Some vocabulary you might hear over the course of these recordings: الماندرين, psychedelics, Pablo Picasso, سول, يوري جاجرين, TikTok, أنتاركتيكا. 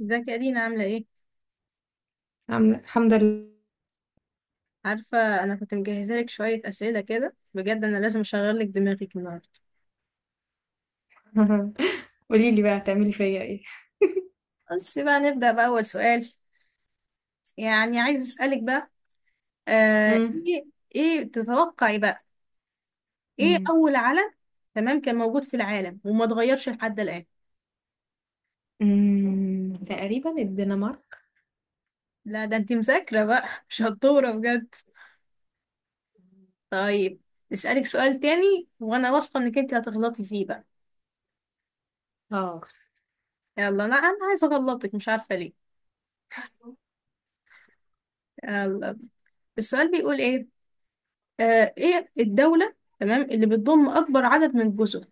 ازيك يا دينا عاملة ايه؟ الحمد لله. عارفة. أنا كنت مجهزة لك شوية أسئلة كده، بجد أنا لازم أشغل لك دماغك النهاردة. قولي لي بقى هتعملي فيا ايه؟ بس بقى نبدأ بأول سؤال. يعني عايز أسألك بقى. امم ايه ايه تتوقعي بقى، ايه امم أول علم تمام كان موجود في العالم وما اتغيرش لحد الآن؟ أمم، تقريبا الدنمارك. لا ده انتي مذاكرة بقى شطورة بجد. طيب، أسألك سؤال تاني وأنا واثقة إنك انتي هتغلطي فيه بقى. اه. يلا، أنا عايزة أغلطك، مش عارفة ليه. يلا، السؤال بيقول ايه؟ ايه الدولة تمام اللي بتضم اكبر عدد من الجزر؟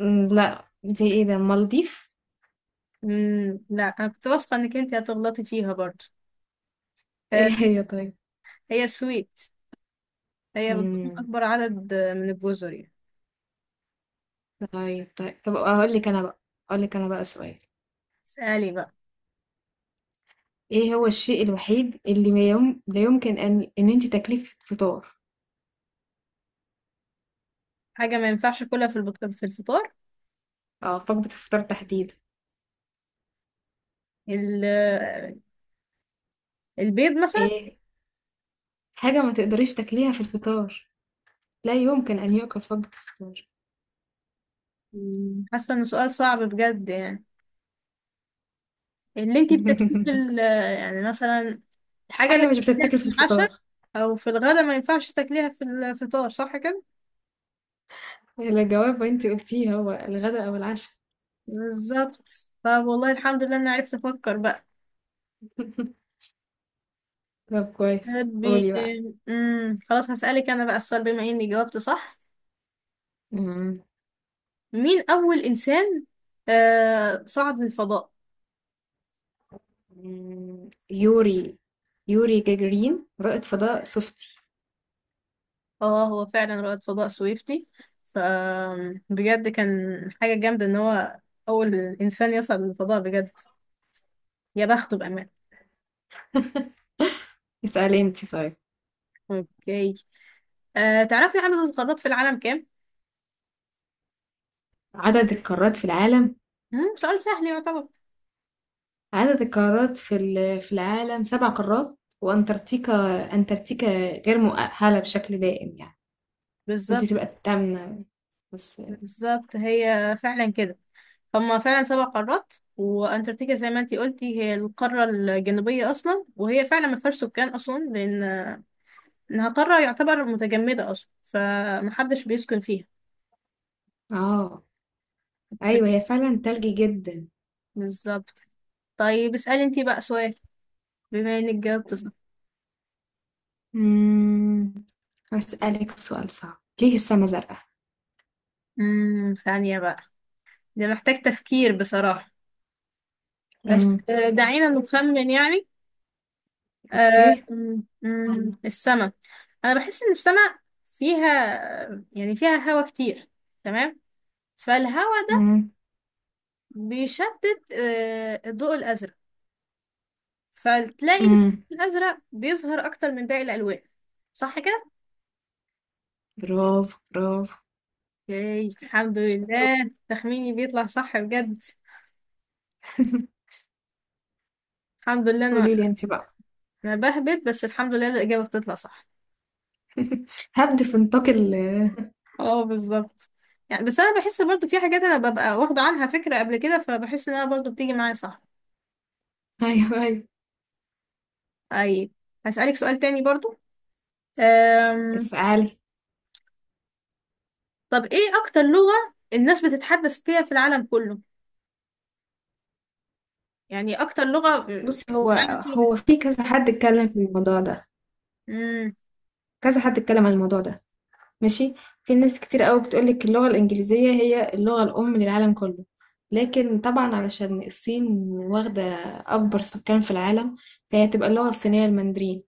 لا، دي ايه ده؟ المالديف. لا انا كنت واثقة انك انت هتغلطي فيها برضو. آه، ايه هي؟ طيب. هي السويد. هي بتضم امم اكبر عدد من الجزر يعني. طيب طيب طب، اقول لك انا بقى سؤال. اسألي بقى. ايه هو الشيء الوحيد اللي ما يوم... لا يمكن ان انت تاكليه في الفطار؟ حاجة ما ينفعش كلها في الفطار. اه، وجبة الفطار تحديدا. ال... آه، البيض مثلا. ايه، حاجة ما تقدريش تاكليها في الفطار، لا يمكن ان يؤكل في وجبة الفطار. حاسة انه سؤال صعب بجد يعني. اللي انت بتاكليه في ال... آه، يعني مثلا الحاجة اللي حاجة مش بتاكليها بتتاكل في في العشاء الفطار. او في الغدا ما ينفعش تاكليها في الفطار، صح كده؟ الإجابة انتي قلتيها، هو الغداء أو العشاء. بالظبط. طب والله الحمد لله اني عرفت افكر بقى. طب كويس، بي... قولي بقى. خلاص هسألك انا بقى السؤال بما اني جاوبت صح. أمم، مين اول انسان صعد للفضاء؟ أمم، يوري. يوري جاجرين رائد فضاء صفتي. اه، هو فعلا رائد فضاء سويفتي. ف بجد كان حاجة جامدة ان هو اول انسان يصعد للفضاء بجد. يا بخته بأمان. اسألي انتي طيب. اوكي. تعرفي عدد القارات في العالم كام؟ عدد القارات في العالم. سؤال سهل يعتبر. عدد القارات في في العالم 7 قارات وأنتاركتيكا. أنتاركتيكا غير مؤهلة بشكل دائم يعني، كنت بالظبط. تبقى التامنة بس. بالظبط، هي فعلا كده. هما فعلا سبع قارات وانتاركتيكا زي ما انتي قلتي، هي القارة الجنوبية اصلا وهي فعلا ما فيهاش سكان اصلا لان انها قارة يعتبر متجمدة اصلا فمحدش بيسكن فيها. اه، أوكي، أيوة، هي فعلا تلجي جدا. بالظبط. طيب اسألي انتي بقى سؤال بما انك جاوبت صح. أمم، هسألك سؤال صعب: ليه السما زرقاء؟ ثانية بقى، ده محتاج تفكير بصراحة. بس إمم، دعينا نخمن يعني. آه، أوكي، أمم، أمم، السما، انا بحس ان السما فيها، يعني فيها هوا كتير، تمام. فالهوا إمم، بيشتت الضوء الأزرق. فتلاقي الضوء إمم، الأزرق بيظهر أكتر من باقي الألوان، صح كده؟ برافو، برافو، ياي الحمد شطورة. لله تخميني بيطلع صح بجد. الحمد لله. أنا قولي لي أنتِ بقى. أنا بهبت بس الحمد لله الإجابة بتطلع صح. هابدأ في نطاق ال. اه، بالظبط. يعني بس أنا بحس برضو في حاجات أنا ببقى واخدة عنها فكرة قبل كده فبحس إنها برضو بتيجي معايا صح. أيوه، أيوه، أي. هسألك سؤال تاني برضو. أم... اسألي. طب إيه أكتر لغة الناس بتتحدث فيها في العالم كله؟ يعني أكتر لغة بُصّي، هو العالم كله. هو في كذا حد اتكلم في الموضوع ده، امم كذا حد اتكلم عن الموضوع ده، ماشي، في ناس كتير أوي بتقول لِك اللغة الإنجليزية هي اللغة الأم للعالم كله، لكن طبعًا علشان الصين واخدة أكبر سكان في العالم، فهي هتبقى اللغة الصينية الماندرين،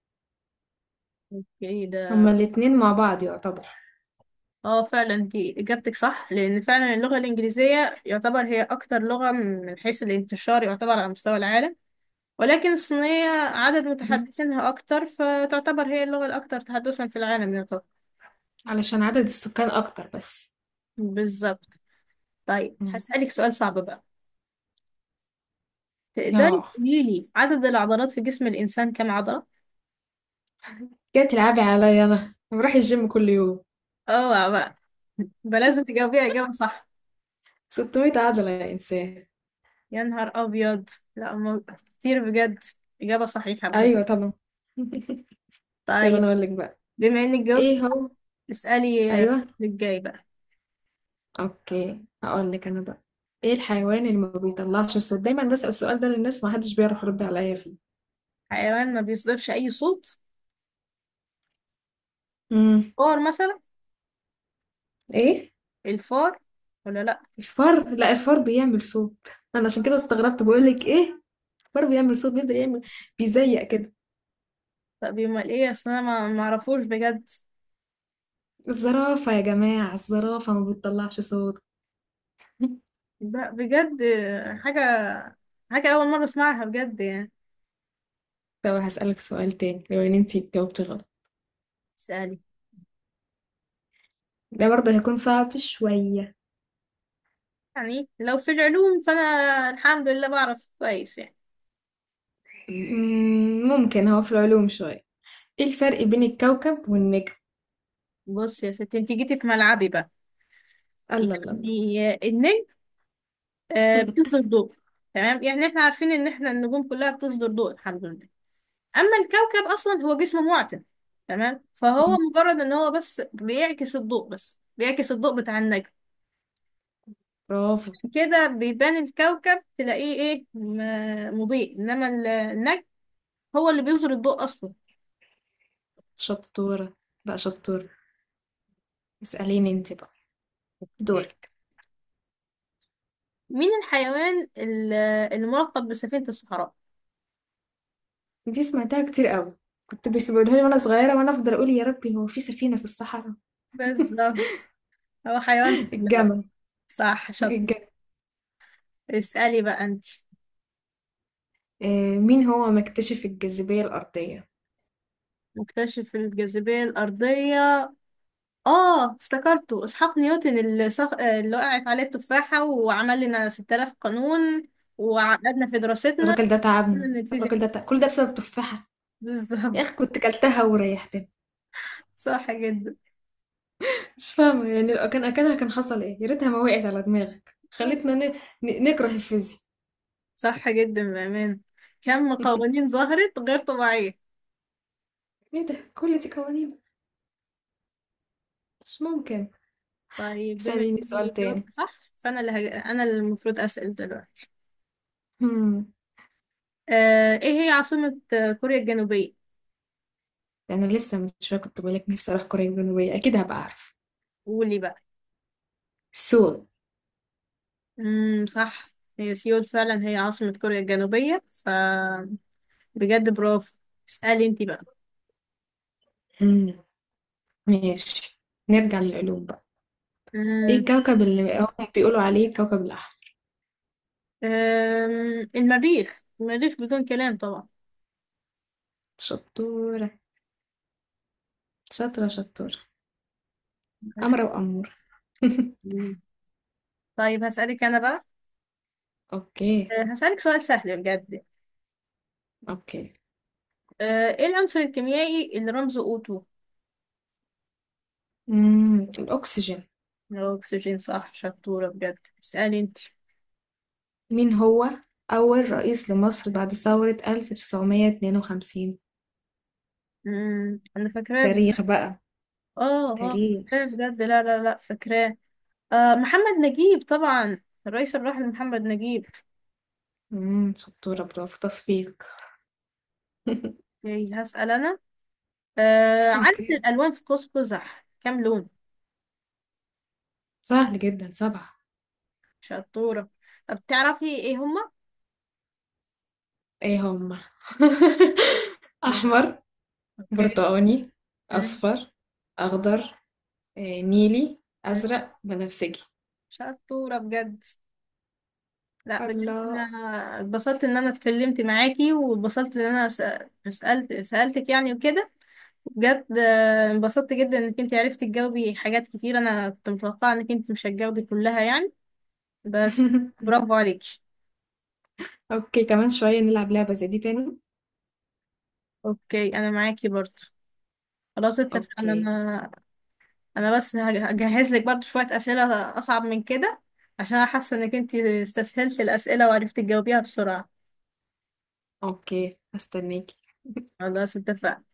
ايه هُم ده. الاتنين مع بعض يعتبر. اه، فعلا دي اجابتك صح لان فعلا اللغه الانجليزيه يعتبر هي اكتر لغه من حيث الانتشار يعتبر على مستوى العالم، ولكن الصينيه عدد متحدثينها اكتر فتعتبر هي اللغه الاكثر تحدثا في العالم يعتبر. علشان عدد السكان اكتر بس. بالظبط. طيب مم. هسألك سؤال صعب بقى. تقدري اه، تقولي لي عدد العضلات في جسم الانسان كم عضله؟ جاي تلعبي عليا؟ انا بروح الجيم كل يوم. اوعى بقى، بقى لازم تجاوبيها اجابه صح. 600 عضلة يا انسان. يا نهار ابيض. لا مو- كتير بجد. اجابه صحيحه بجد. ايوه طبعا. طيب انا طيب، اقول لك بقى. بما انك جاوبتي ايه هو. اسألي ايوه. للجاي بقى. اوكي، هقول لك انا بقى. ايه الحيوان اللي ما بيطلعش صوت؟ دايما بسأل السؤال ده للناس، ما حدش بيعرف يرد عليا فيه. حيوان ما بيصدرش أي صوت؟ مم. فار مثلا؟ ايه؟ الفار ولا لأ؟ الفار؟ لا، الفار بيعمل صوت. انا عشان كده استغربت بقول لك ايه. الفار بيعمل صوت، بيفضل يعمل، بيزيق كده. طب يبقى ايه أصل أنا ما معرفوش بجد. الزرافة يا جماعة، الزرافة ما بتطلعش صوت. بجد حاجة، حاجة أول مرة أسمعها بجد يعني. طب هسألك سؤال تاني لو ان انتي جاوبتي غلط. اسألي. ده برضه هيكون صعب شوية. يعني لو في العلوم فأنا الحمد لله بعرف كويس يعني. مم، ممكن هو في العلوم شوية. ايه الفرق بين الكوكب والنجم؟ بص يا ستي انت جيتي في ملعبي بقى. الله الله الله. يعني النجم بيصدر ضوء، تمام. يعني احنا عارفين ان احنا النجوم كلها بتصدر ضوء الحمد لله. اما الكوكب اصلا هو جسم معتم، تمام. فهو مجرد ان هو بس بيعكس الضوء بتاع النجم. برافو. كده بيبان الكوكب تلاقيه ايه مضيء انما النجم هو اللي بيظهر الضوء اصلا. شطورة، بقى شطورة. اسأليني انتي بقى. إيه. دورك. مين الحيوان الملقب بسفينة الصحراء؟ دي سمعتها كتير قوي، كنت بيسيبولها لي وانا صغيرة، وانا افضل اقول: يا ربي، هو في سفينة في الصحراء؟ بالظبط. هو حيوان سهل بقى. الجمل. صح شاطر. الجمل. اسألي بقى انت. مين هو مكتشف الجاذبية الأرضية؟ مكتشف الجاذبية الأرضية. اه، افتكرته اسحاق نيوتن اللي وقعت عليه التفاحة وعمل لنا 6,000 قانون وعقدنا في دراستنا الراجل ده تعبنا، من الفيزياء. الراجل ده تعب. كل ده بسبب تفاحة. يا بالظبط. أخي كنت كلتها وريحتني. صح جدا. مش فاهمة، يعني لو كان أكلها كان حصل إيه؟ يا ريتها ما وقعت على دماغك، خلتنا نكره الفيزياء. صح جدا بأمان. كم قوانين ظهرت غير طبيعية. إيه ده، كل دي قوانين؟ مش ممكن. طيب بما اسأليني سؤال اني تاني. جاوبت صح فانا اللي هج... انا اللي المفروض اسأل دلوقتي. هم. ايه هي عاصمة كوريا الجنوبية؟ أنا لسه من شوية كنت بقولك نفسي أروح كوريا الجنوبية، أكيد هبقى أعرف. قولي بقى. سول. صح، هي سيول فعلا هي عاصمة كوريا الجنوبية. بجد برافو. اسألي انتي بقى. ماشي، نرجع للعلوم بقى. ايه مم. الكوكب اللي هم بيقولوا عليه كوكب الأحمر؟ المريخ، المريخ بدون كلام طبعا. شطورة. شاطرة شطورة، أمرة وأمورة. مم. طيب هسألك أنا بقى. اوكي. هسألك سؤال سهل بجد. اوكي. ايه العنصر الكيميائي اللي رمزه O2؟ الأكسجين. الاكسجين صح شطورة بجد اسألي انت. مين هو أول رئيس لمصر بعد ثورة 1952؟ مم. أنا فاكراه تاريخ بقى. اه اه، فاكراه تاريخ. بجد. لا لا لا، فاكراه. محمد نجيب طبعا. الرئيس الراحل محمد نجيب. شطورة، برافو، تصفيق. ياي هسأل انا. عدد اوكي. الالوان في قوس قزح كام لون؟ سهل جدا، سبعة. شطورة. طب تعرفي ايه هما؟ ايه هم؟ لا. أحمر، أوكي. برتقاني، مم. أصفر، أخضر، نيلي، مم. أزرق، بنفسجي. شطورة بجد. لا بجد انا الله. اتبسطت ان انا اتكلمت معاكي واتبسطت ان انا سألتك يعني وكده. بجد انبسطت جدا انك انت عرفتي تجاوبي حاجات كتير، انا كنت متوقعة انك انت مش هتجاوبي كلها يعني، بس. برافو عليكي. اوكي، كمان شوية نلعب لعبة زي دي تاني. اوكي انا معاكي برضو. خلاص اتفقنا. اوكي. انا بس هجهز لك برضو شوية اسئلة اصعب من كده. عشان انا حاسة انك انت استسهلت الاسئلة وعرفتي تجاوبيها بسرعة. اوكي، هستناك. خلاص اتفقنا.